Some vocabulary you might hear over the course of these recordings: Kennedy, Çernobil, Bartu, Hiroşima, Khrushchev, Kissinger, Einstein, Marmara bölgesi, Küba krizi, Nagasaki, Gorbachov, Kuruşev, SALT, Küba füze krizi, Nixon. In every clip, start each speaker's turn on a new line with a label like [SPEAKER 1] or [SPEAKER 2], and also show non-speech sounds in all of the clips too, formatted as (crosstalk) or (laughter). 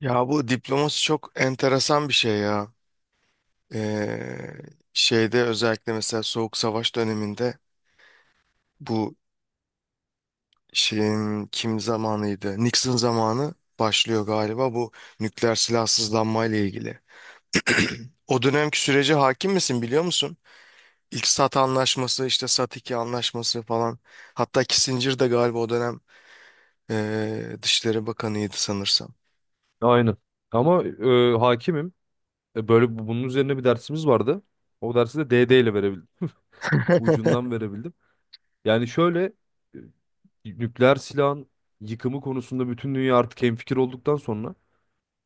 [SPEAKER 1] Ya bu diplomasi çok enteresan bir şey ya. Ee, şeyde özellikle mesela Soğuk Savaş döneminde bu şeyin kim zamanıydı? Nixon zamanı başlıyor galiba bu nükleer silahsızlanma ile ilgili. (clears throat) O dönemki sürece hakim misin biliyor musun? İlk SALT anlaşması işte SALT 2 anlaşması falan. Hatta Kissinger de galiba o dönem Dışişleri Bakanıydı sanırsam.
[SPEAKER 2] Aynen. Ama hakimim. Böyle bunun üzerine bir dersimiz vardı. O dersi de DD ile verebildim.
[SPEAKER 1] (laughs) Hı
[SPEAKER 2] Ucundan verebildim. Yani şöyle, e, nükleer silahın yıkımı konusunda bütün dünya artık hemfikir olduktan sonra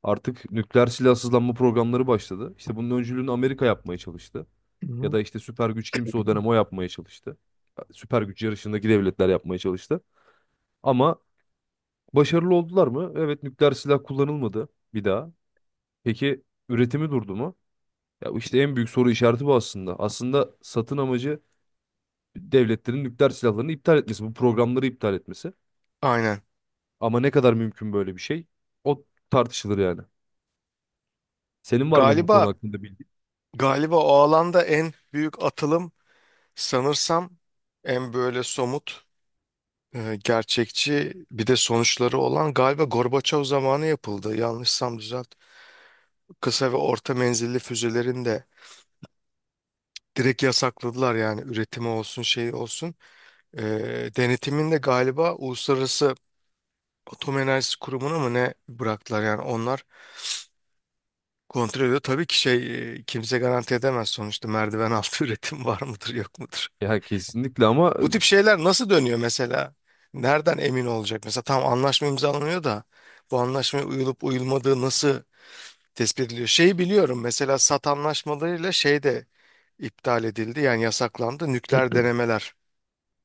[SPEAKER 2] artık nükleer silahsızlanma programları başladı. İşte bunun öncülüğünü Amerika yapmaya çalıştı. Ya
[SPEAKER 1] hı.
[SPEAKER 2] da işte süper güç kimse o dönem o yapmaya çalıştı. Süper güç yarışındaki devletler yapmaya çalıştı. Ama başarılı oldular mı? Evet, nükleer silah kullanılmadı bir daha. Peki üretimi durdu mu? Ya işte en büyük soru işareti bu aslında. Aslında satın amacı devletlerin nükleer silahlarını iptal etmesi, bu programları iptal etmesi.
[SPEAKER 1] Aynen.
[SPEAKER 2] Ama ne kadar mümkün böyle bir şey? O tartışılır yani. Senin var mı bu konu
[SPEAKER 1] Galiba
[SPEAKER 2] hakkında bildiğin?
[SPEAKER 1] Galiba o alanda en büyük atılım sanırsam en böyle somut, gerçekçi bir de sonuçları olan galiba Gorbaçov zamanı yapıldı. Yanlışsam düzelt. Kısa ve orta menzilli füzelerin de direkt yasakladılar yani üretimi olsun şey olsun. E, denetimin de galiba Uluslararası Atom Enerjisi Kurumu'na mı ne bıraktılar yani onlar kontrol ediyor. Tabii ki şey kimse garanti edemez sonuçta merdiven altı (laughs) üretim var mıdır yok mudur.
[SPEAKER 2] Ya kesinlikle, ama
[SPEAKER 1] Bu tip şeyler nasıl dönüyor mesela? Nereden emin olacak? Mesela tam anlaşma imzalanıyor da bu anlaşmaya uyulup uyulmadığı nasıl tespit ediliyor? Şeyi biliyorum mesela SAT anlaşmalarıyla şey de iptal edildi yani yasaklandı nükleer denemeler.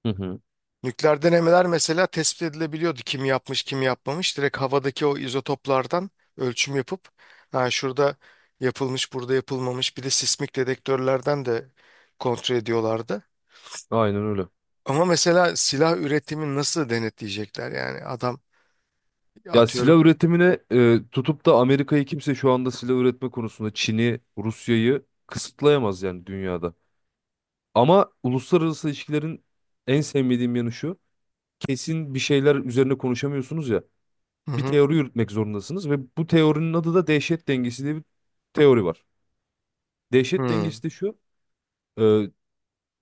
[SPEAKER 2] hı hı.
[SPEAKER 1] Nükleer denemeler mesela tespit edilebiliyordu kim yapmış kim yapmamış. Direkt havadaki o izotoplardan ölçüm yapıp ha şurada yapılmış burada yapılmamış bir de sismik dedektörlerden de kontrol ediyorlardı.
[SPEAKER 2] Aynen öyle.
[SPEAKER 1] Ama mesela silah üretimini nasıl denetleyecekler yani adam
[SPEAKER 2] Ya silah
[SPEAKER 1] atıyorum.
[SPEAKER 2] üretimine tutup da Amerika'yı kimse şu anda silah üretme konusunda Çin'i, Rusya'yı kısıtlayamaz yani dünyada. Ama uluslararası ilişkilerin en sevmediğim yanı şu. Kesin bir şeyler üzerine konuşamıyorsunuz ya.
[SPEAKER 1] Hı
[SPEAKER 2] Bir
[SPEAKER 1] hı.
[SPEAKER 2] teori yürütmek zorundasınız ve bu teorinin adı da dehşet dengesi diye bir teori var. Dehşet
[SPEAKER 1] Hı.
[SPEAKER 2] dengesi de şu: e,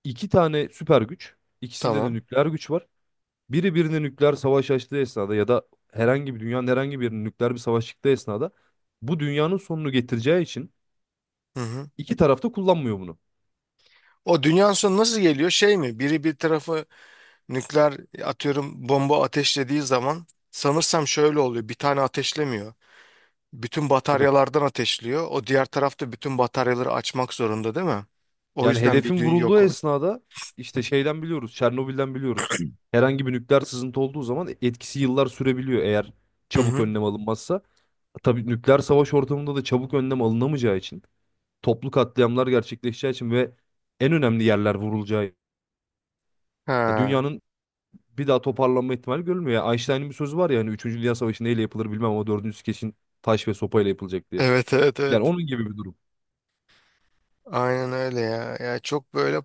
[SPEAKER 2] iki tane süper güç, ikisinde de
[SPEAKER 1] Tamam.
[SPEAKER 2] nükleer güç var. Biri birine nükleer savaş açtığı esnada ya da herhangi bir dünyanın herhangi bir yerine nükleer bir savaş çıktığı esnada bu dünyanın sonunu getireceği için
[SPEAKER 1] Hı hı.
[SPEAKER 2] iki taraf da kullanmıyor bunu.
[SPEAKER 1] O dünyanın sonu nasıl geliyor? Şey mi? Biri bir tarafı nükleer atıyorum bomba ateşlediği zaman sanırsam şöyle oluyor. Bir tane ateşlemiyor. Bütün
[SPEAKER 2] Tabii.
[SPEAKER 1] bataryalardan ateşliyor. O diğer tarafta bütün bataryaları açmak zorunda değil mi? O
[SPEAKER 2] Yani
[SPEAKER 1] yüzden bir
[SPEAKER 2] hedefin
[SPEAKER 1] dün
[SPEAKER 2] vurulduğu
[SPEAKER 1] yok o.
[SPEAKER 2] esnada işte şeyden biliyoruz, Çernobil'den biliyoruz. Herhangi bir nükleer sızıntı olduğu zaman etkisi yıllar sürebiliyor, eğer
[SPEAKER 1] Hı
[SPEAKER 2] çabuk
[SPEAKER 1] hı.
[SPEAKER 2] önlem alınmazsa. Tabii nükleer savaş ortamında da çabuk önlem alınamayacağı için, toplu katliamlar gerçekleşeceği için ve en önemli yerler vurulacağı,
[SPEAKER 1] Ha.
[SPEAKER 2] dünyanın bir daha toparlanma ihtimali görülmüyor. Yani Einstein'ın bir sözü var ya, hani 3. Dünya Savaşı neyle yapılır bilmem ama 4. kesin taş ve sopayla yapılacak diye.
[SPEAKER 1] Evet evet
[SPEAKER 2] Yani
[SPEAKER 1] evet.
[SPEAKER 2] onun gibi bir durum.
[SPEAKER 1] Aynen öyle ya. Ya çok böyle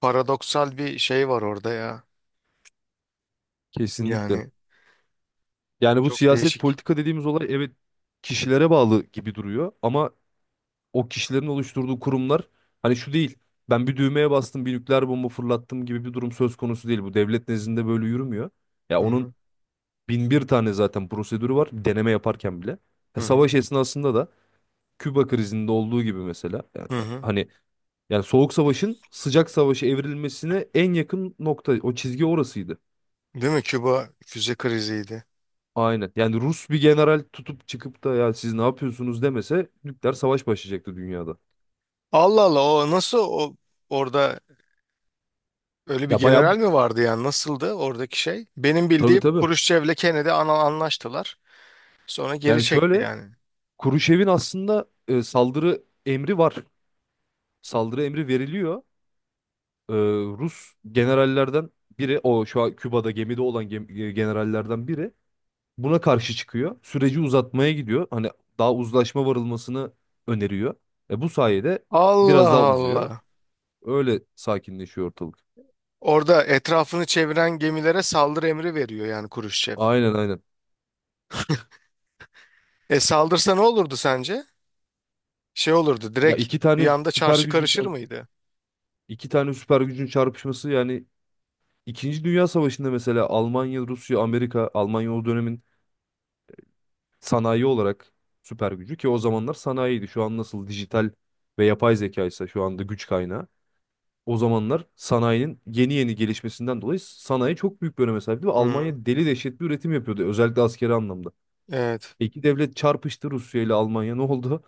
[SPEAKER 1] paradoksal bir şey var orada ya.
[SPEAKER 2] Kesinlikle.
[SPEAKER 1] Yani
[SPEAKER 2] Yani bu
[SPEAKER 1] çok
[SPEAKER 2] siyaset
[SPEAKER 1] değişik.
[SPEAKER 2] politika dediğimiz olay, evet, kişilere bağlı gibi duruyor ama o kişilerin oluşturduğu kurumlar hani şu değil. Ben bir düğmeye bastım, bir nükleer bomba fırlattım gibi bir durum söz konusu değil. Bu devlet nezdinde böyle yürümüyor. Ya
[SPEAKER 1] Hı
[SPEAKER 2] onun
[SPEAKER 1] hı.
[SPEAKER 2] bin bir tane zaten prosedürü var deneme yaparken bile.
[SPEAKER 1] Hı hı.
[SPEAKER 2] Savaş esnasında da Küba krizinde olduğu gibi mesela yani,
[SPEAKER 1] Hı hı.
[SPEAKER 2] hani yani soğuk savaşın sıcak savaşa evrilmesine en yakın nokta o çizgi orasıydı.
[SPEAKER 1] Değil mi? Küba füze kriziydi.
[SPEAKER 2] Aynen. Yani Rus bir general tutup çıkıp da ya siz ne yapıyorsunuz demese nükleer savaş başlayacaktı dünyada.
[SPEAKER 1] Allah Allah o nasıl o orada öyle bir
[SPEAKER 2] Ya bayağı
[SPEAKER 1] general mi vardı yani nasıldı oradaki şey? Benim
[SPEAKER 2] tabii,
[SPEAKER 1] bildiğim
[SPEAKER 2] tabii.
[SPEAKER 1] Kuruşçev'le Kennedy anlaştılar. Sonra geri
[SPEAKER 2] Yani
[SPEAKER 1] çekti
[SPEAKER 2] şöyle,
[SPEAKER 1] yani.
[SPEAKER 2] Kuruşev'in aslında saldırı emri var. Saldırı emri veriliyor. E, Rus generallerden biri, o şu an Küba'da gemide olan generallerden biri, buna karşı çıkıyor. Süreci uzatmaya gidiyor. Hani daha uzlaşma varılmasını öneriyor. Bu sayede biraz
[SPEAKER 1] Allah
[SPEAKER 2] daha uzuyor.
[SPEAKER 1] Allah.
[SPEAKER 2] Öyle sakinleşiyor ortalık.
[SPEAKER 1] Orada etrafını çeviren gemilere saldırı emri veriyor yani Kuruşçev.
[SPEAKER 2] Aynen, aynen.
[SPEAKER 1] E saldırsa ne olurdu sence? Şey olurdu
[SPEAKER 2] Ya
[SPEAKER 1] direkt
[SPEAKER 2] iki
[SPEAKER 1] bir
[SPEAKER 2] tane
[SPEAKER 1] anda
[SPEAKER 2] süper
[SPEAKER 1] çarşı
[SPEAKER 2] gücün
[SPEAKER 1] karışır mıydı?
[SPEAKER 2] iki tane süper gücün çarpışması yani. İkinci Dünya Savaşı'nda mesela Almanya, Rusya, Amerika, Almanya o dönemin sanayi olarak süper gücü, ki o zamanlar sanayiydi. Şu an nasıl dijital ve yapay zeka ise şu anda güç kaynağı. O zamanlar sanayinin yeni yeni gelişmesinden dolayı sanayi çok büyük bir öneme sahipti ve
[SPEAKER 1] Hı hı.
[SPEAKER 2] Almanya deli dehşet bir üretim yapıyordu özellikle askeri anlamda.
[SPEAKER 1] Evet.
[SPEAKER 2] İki devlet çarpıştı, Rusya ile Almanya, ne oldu?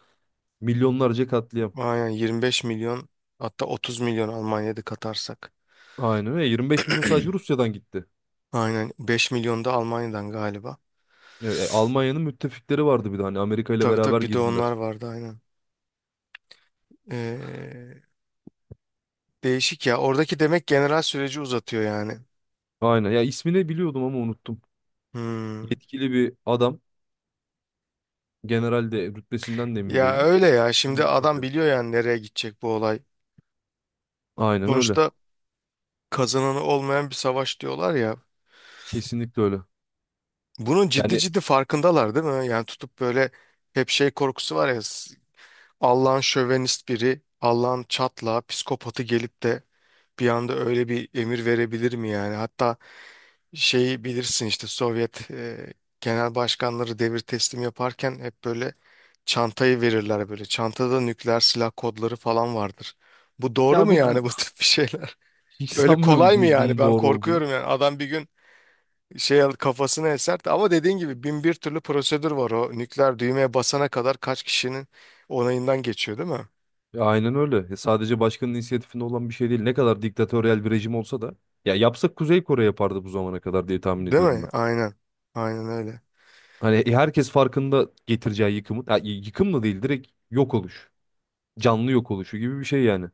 [SPEAKER 2] Milyonlarca katliam.
[SPEAKER 1] Aynen 25 milyon hatta 30 milyon Almanya'da katarsak.
[SPEAKER 2] Aynen öyle, 25 milyon sadece Rusya'dan gitti.
[SPEAKER 1] Aynen 5 milyon da Almanya'dan galiba.
[SPEAKER 2] Ya, Almanya'nın müttefikleri vardı bir de, hani Amerika ile
[SPEAKER 1] Tabii tabii
[SPEAKER 2] beraber
[SPEAKER 1] bir de onlar
[SPEAKER 2] girdiler.
[SPEAKER 1] vardı aynen. Ee, değişik ya. Oradaki demek general süreci uzatıyor yani.
[SPEAKER 2] Aynen ya, ismini biliyordum ama unuttum.
[SPEAKER 1] Hmm.
[SPEAKER 2] Yetkili bir adam. General de, rütbesinden de emin
[SPEAKER 1] Ya
[SPEAKER 2] değilim.
[SPEAKER 1] öyle ya. Şimdi
[SPEAKER 2] Mürekkep
[SPEAKER 1] adam
[SPEAKER 2] atıyor.
[SPEAKER 1] biliyor yani nereye gidecek bu olay.
[SPEAKER 2] Aynen öyle.
[SPEAKER 1] Sonuçta kazananı olmayan bir savaş diyorlar ya.
[SPEAKER 2] Kesinlikle öyle.
[SPEAKER 1] Bunun ciddi
[SPEAKER 2] Yani
[SPEAKER 1] ciddi farkındalar değil mi? Yani tutup böyle hep şey korkusu var ya. Allah'ın şövenist biri, Allah'ın çatla, psikopatı gelip de bir anda öyle bir emir verebilir mi yani? Hatta şeyi bilirsin işte Sovyet genel başkanları devir teslim yaparken hep böyle çantayı verirler böyle. Çantada nükleer silah kodları falan vardır. Bu doğru
[SPEAKER 2] ya
[SPEAKER 1] mu yani bu tip bir şeyler?
[SPEAKER 2] (laughs) hiç
[SPEAKER 1] (laughs) Öyle
[SPEAKER 2] sanmıyorum
[SPEAKER 1] kolay mı
[SPEAKER 2] bunun,
[SPEAKER 1] yani?
[SPEAKER 2] bunun
[SPEAKER 1] Ben
[SPEAKER 2] doğru olduğunu.
[SPEAKER 1] korkuyorum yani. Adam bir gün şey kafasını eser ama dediğin gibi bin bir türlü prosedür var o nükleer düğmeye basana kadar kaç kişinin onayından geçiyor değil mi?
[SPEAKER 2] Ya aynen öyle. Ya sadece başkanın inisiyatifinde olan bir şey değil. Ne kadar diktatöryel bir rejim olsa da ya, yapsak Kuzey Kore yapardı bu zamana kadar diye tahmin
[SPEAKER 1] Değil
[SPEAKER 2] ediyorum
[SPEAKER 1] mi?
[SPEAKER 2] ben.
[SPEAKER 1] Aynen. Aynen öyle.
[SPEAKER 2] Hani herkes farkında getireceği yıkımın, ya, yıkım da değil, direkt yok oluş. Canlı yok oluşu gibi bir şey yani.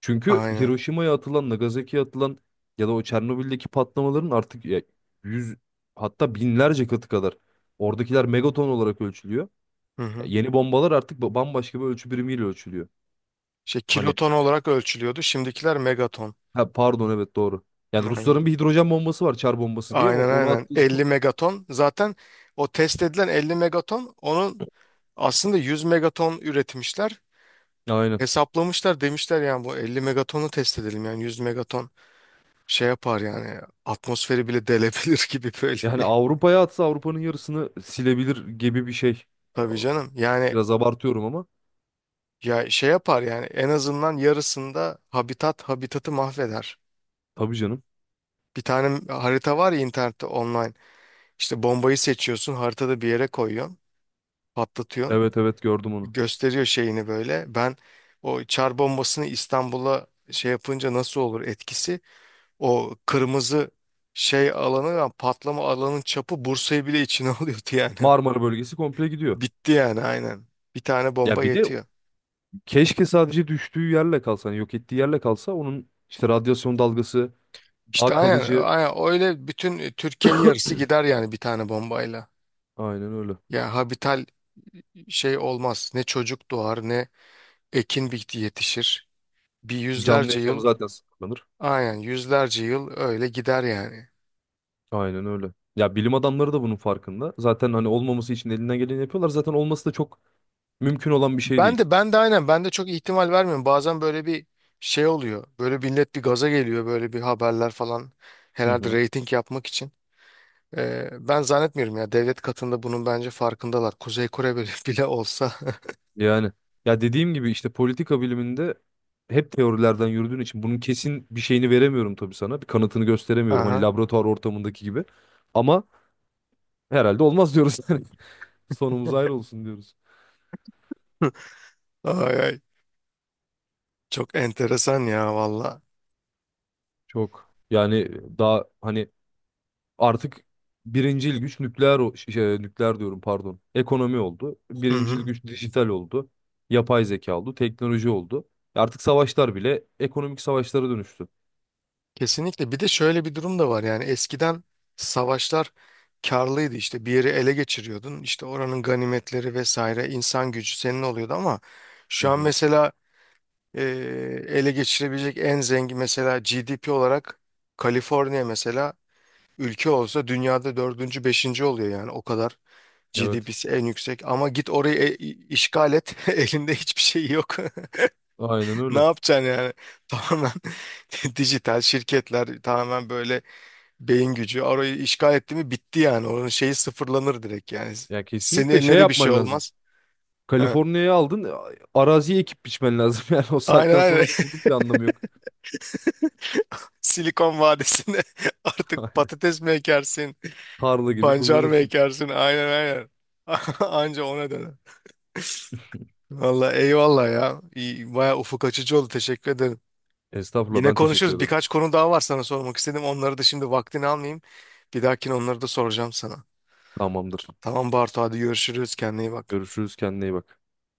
[SPEAKER 2] Çünkü
[SPEAKER 1] Aynen.
[SPEAKER 2] Hiroşima'ya atılan, Nagasaki'ye atılan ya da o Çernobil'deki patlamaların artık ya yüz, hatta binlerce katı kadar, oradakiler megaton olarak ölçülüyor.
[SPEAKER 1] Hı
[SPEAKER 2] Ya
[SPEAKER 1] hı.
[SPEAKER 2] yeni bombalar artık bambaşka bir ölçü birimiyle ölçülüyor.
[SPEAKER 1] Şey
[SPEAKER 2] Hani
[SPEAKER 1] kiloton olarak ölçülüyordu. Şimdikiler megaton.
[SPEAKER 2] ha, pardon, evet doğru. Yani
[SPEAKER 1] Aynen.
[SPEAKER 2] Rusların bir hidrojen bombası var, çar bombası diye,
[SPEAKER 1] Aynen
[SPEAKER 2] onu
[SPEAKER 1] aynen.
[SPEAKER 2] attığı zaman.
[SPEAKER 1] 50 megaton. Zaten o test edilen 50 megaton onun aslında 100 megaton üretmişler.
[SPEAKER 2] (laughs) Aynen.
[SPEAKER 1] Hesaplamışlar demişler yani bu 50 megatonu test edelim yani 100 megaton şey yapar yani atmosferi bile delebilir (laughs) gibi böyle
[SPEAKER 2] Yani
[SPEAKER 1] bir.
[SPEAKER 2] Avrupa'ya atsa Avrupa'nın yarısını silebilir gibi bir şey. Ya,
[SPEAKER 1] Tabii canım. Yani
[SPEAKER 2] biraz abartıyorum ama.
[SPEAKER 1] ya şey yapar yani en azından yarısında habitatı mahveder.
[SPEAKER 2] Tabii canım.
[SPEAKER 1] Bir tane harita var ya internette online. İşte bombayı seçiyorsun haritada bir yere koyuyorsun. Patlatıyorsun.
[SPEAKER 2] Evet, evet, gördüm onu.
[SPEAKER 1] Gösteriyor şeyini böyle. Ben o çar bombasını İstanbul'a şey yapınca nasıl olur etkisi? O kırmızı şey alanı yani patlama alanın çapı Bursa'yı bile içine (laughs) alıyordu yani.
[SPEAKER 2] Marmara bölgesi komple gidiyor.
[SPEAKER 1] Bitti yani aynen. Bir tane
[SPEAKER 2] Ya
[SPEAKER 1] bomba
[SPEAKER 2] bir de
[SPEAKER 1] yetiyor.
[SPEAKER 2] keşke sadece düştüğü yerle kalsa, hani yok ettiği yerle kalsa, onun işte radyasyon dalgası
[SPEAKER 1] İşte
[SPEAKER 2] daha
[SPEAKER 1] aynen,
[SPEAKER 2] kalıcı.
[SPEAKER 1] aynen öyle bütün Türkiye'nin yarısı gider yani bir tane bombayla.
[SPEAKER 2] Aynen öyle.
[SPEAKER 1] Ya habital şey olmaz. Ne çocuk doğar ne ekin bitti yetişir. Bir
[SPEAKER 2] Canlı
[SPEAKER 1] yüzlerce
[SPEAKER 2] yaşamı
[SPEAKER 1] yıl
[SPEAKER 2] zaten sınırlanır.
[SPEAKER 1] aynen yüzlerce yıl öyle gider yani.
[SPEAKER 2] Aynen öyle. Ya bilim adamları da bunun farkında. Zaten hani olmaması için elinden geleni yapıyorlar. Zaten olması da çok mümkün olan bir şey
[SPEAKER 1] Ben
[SPEAKER 2] değil.
[SPEAKER 1] de ben de aynen ben de çok ihtimal vermiyorum. Bazen böyle bir şey oluyor. Böyle millet bir gaza geliyor böyle bir haberler falan
[SPEAKER 2] Hı
[SPEAKER 1] herhalde
[SPEAKER 2] hı.
[SPEAKER 1] reyting yapmak için. Ben zannetmiyorum ya devlet katında bunun bence farkındalar. Kuzey Kore bile, (laughs) bile olsa.
[SPEAKER 2] Yani ya dediğim gibi işte politika biliminde hep teorilerden yürüdüğün için bunun kesin bir şeyini veremiyorum tabii sana. Bir kanıtını
[SPEAKER 1] (laughs)
[SPEAKER 2] gösteremiyorum. Hani
[SPEAKER 1] Aha.
[SPEAKER 2] laboratuvar ortamındaki gibi. Ama herhalde olmaz diyoruz. (laughs) Yani sonumuz ayrı olsun diyoruz.
[SPEAKER 1] (laughs) Ay ay. Çok enteresan ya valla.
[SPEAKER 2] Çok. Yani daha hani artık birincil güç nükleer şey, nükleer diyorum, pardon. Ekonomi oldu.
[SPEAKER 1] Hı
[SPEAKER 2] Birincil
[SPEAKER 1] hı.
[SPEAKER 2] güç dijital oldu. Yapay zeka oldu. Teknoloji oldu. Artık savaşlar bile ekonomik savaşlara dönüştü.
[SPEAKER 1] Kesinlikle. Bir de şöyle bir durum da var yani eskiden savaşlar karlıydı işte bir yeri ele geçiriyordun işte oranın ganimetleri vesaire insan gücü senin oluyordu ama
[SPEAKER 2] Hı
[SPEAKER 1] şu an
[SPEAKER 2] hı.
[SPEAKER 1] mesela e, ele geçirebilecek en zengin mesela GDP olarak Kaliforniya mesela ülke olsa dünyada dördüncü, beşinci oluyor yani o kadar
[SPEAKER 2] Evet.
[SPEAKER 1] GDP'si en yüksek ama git orayı işgal et (laughs) elinde hiçbir şey yok
[SPEAKER 2] Aynen
[SPEAKER 1] (laughs) ne
[SPEAKER 2] öyle.
[SPEAKER 1] yapacaksın yani (laughs) tamamen (laughs) dijital şirketler tamamen böyle beyin gücü orayı işgal etti mi bitti yani onun şeyi sıfırlanır direkt yani
[SPEAKER 2] Ya
[SPEAKER 1] senin
[SPEAKER 2] kesinlikle
[SPEAKER 1] eline
[SPEAKER 2] şey
[SPEAKER 1] de bir şey
[SPEAKER 2] yapman lazım.
[SPEAKER 1] olmaz. Ha.
[SPEAKER 2] Kaliforniya'yı aldın, araziye ekip biçmen lazım. (laughs) Yani o
[SPEAKER 1] Aynen
[SPEAKER 2] saatten sonra
[SPEAKER 1] aynen
[SPEAKER 2] da onun bir anlamı yok.
[SPEAKER 1] (laughs) Silikon Vadisi'nde (laughs) artık
[SPEAKER 2] (laughs)
[SPEAKER 1] patates mi ekersin?
[SPEAKER 2] Tarla gibi
[SPEAKER 1] Pancar mı
[SPEAKER 2] kullanırsın.
[SPEAKER 1] ekersin? Aynen aynen. (laughs) Anca ona döner. Valla eyvallah ya. İyi, baya ufuk açıcı oldu. Teşekkür ederim.
[SPEAKER 2] Estağfurullah,
[SPEAKER 1] Yine
[SPEAKER 2] ben teşekkür
[SPEAKER 1] konuşuruz.
[SPEAKER 2] ederim.
[SPEAKER 1] Birkaç konu daha var sana sormak istedim. Onları da şimdi vaktini almayayım. Bir dahakine onları da soracağım sana.
[SPEAKER 2] Tamamdır.
[SPEAKER 1] Tamam Bartu hadi görüşürüz. Kendine iyi bak.
[SPEAKER 2] Görüşürüz, kendine iyi bak.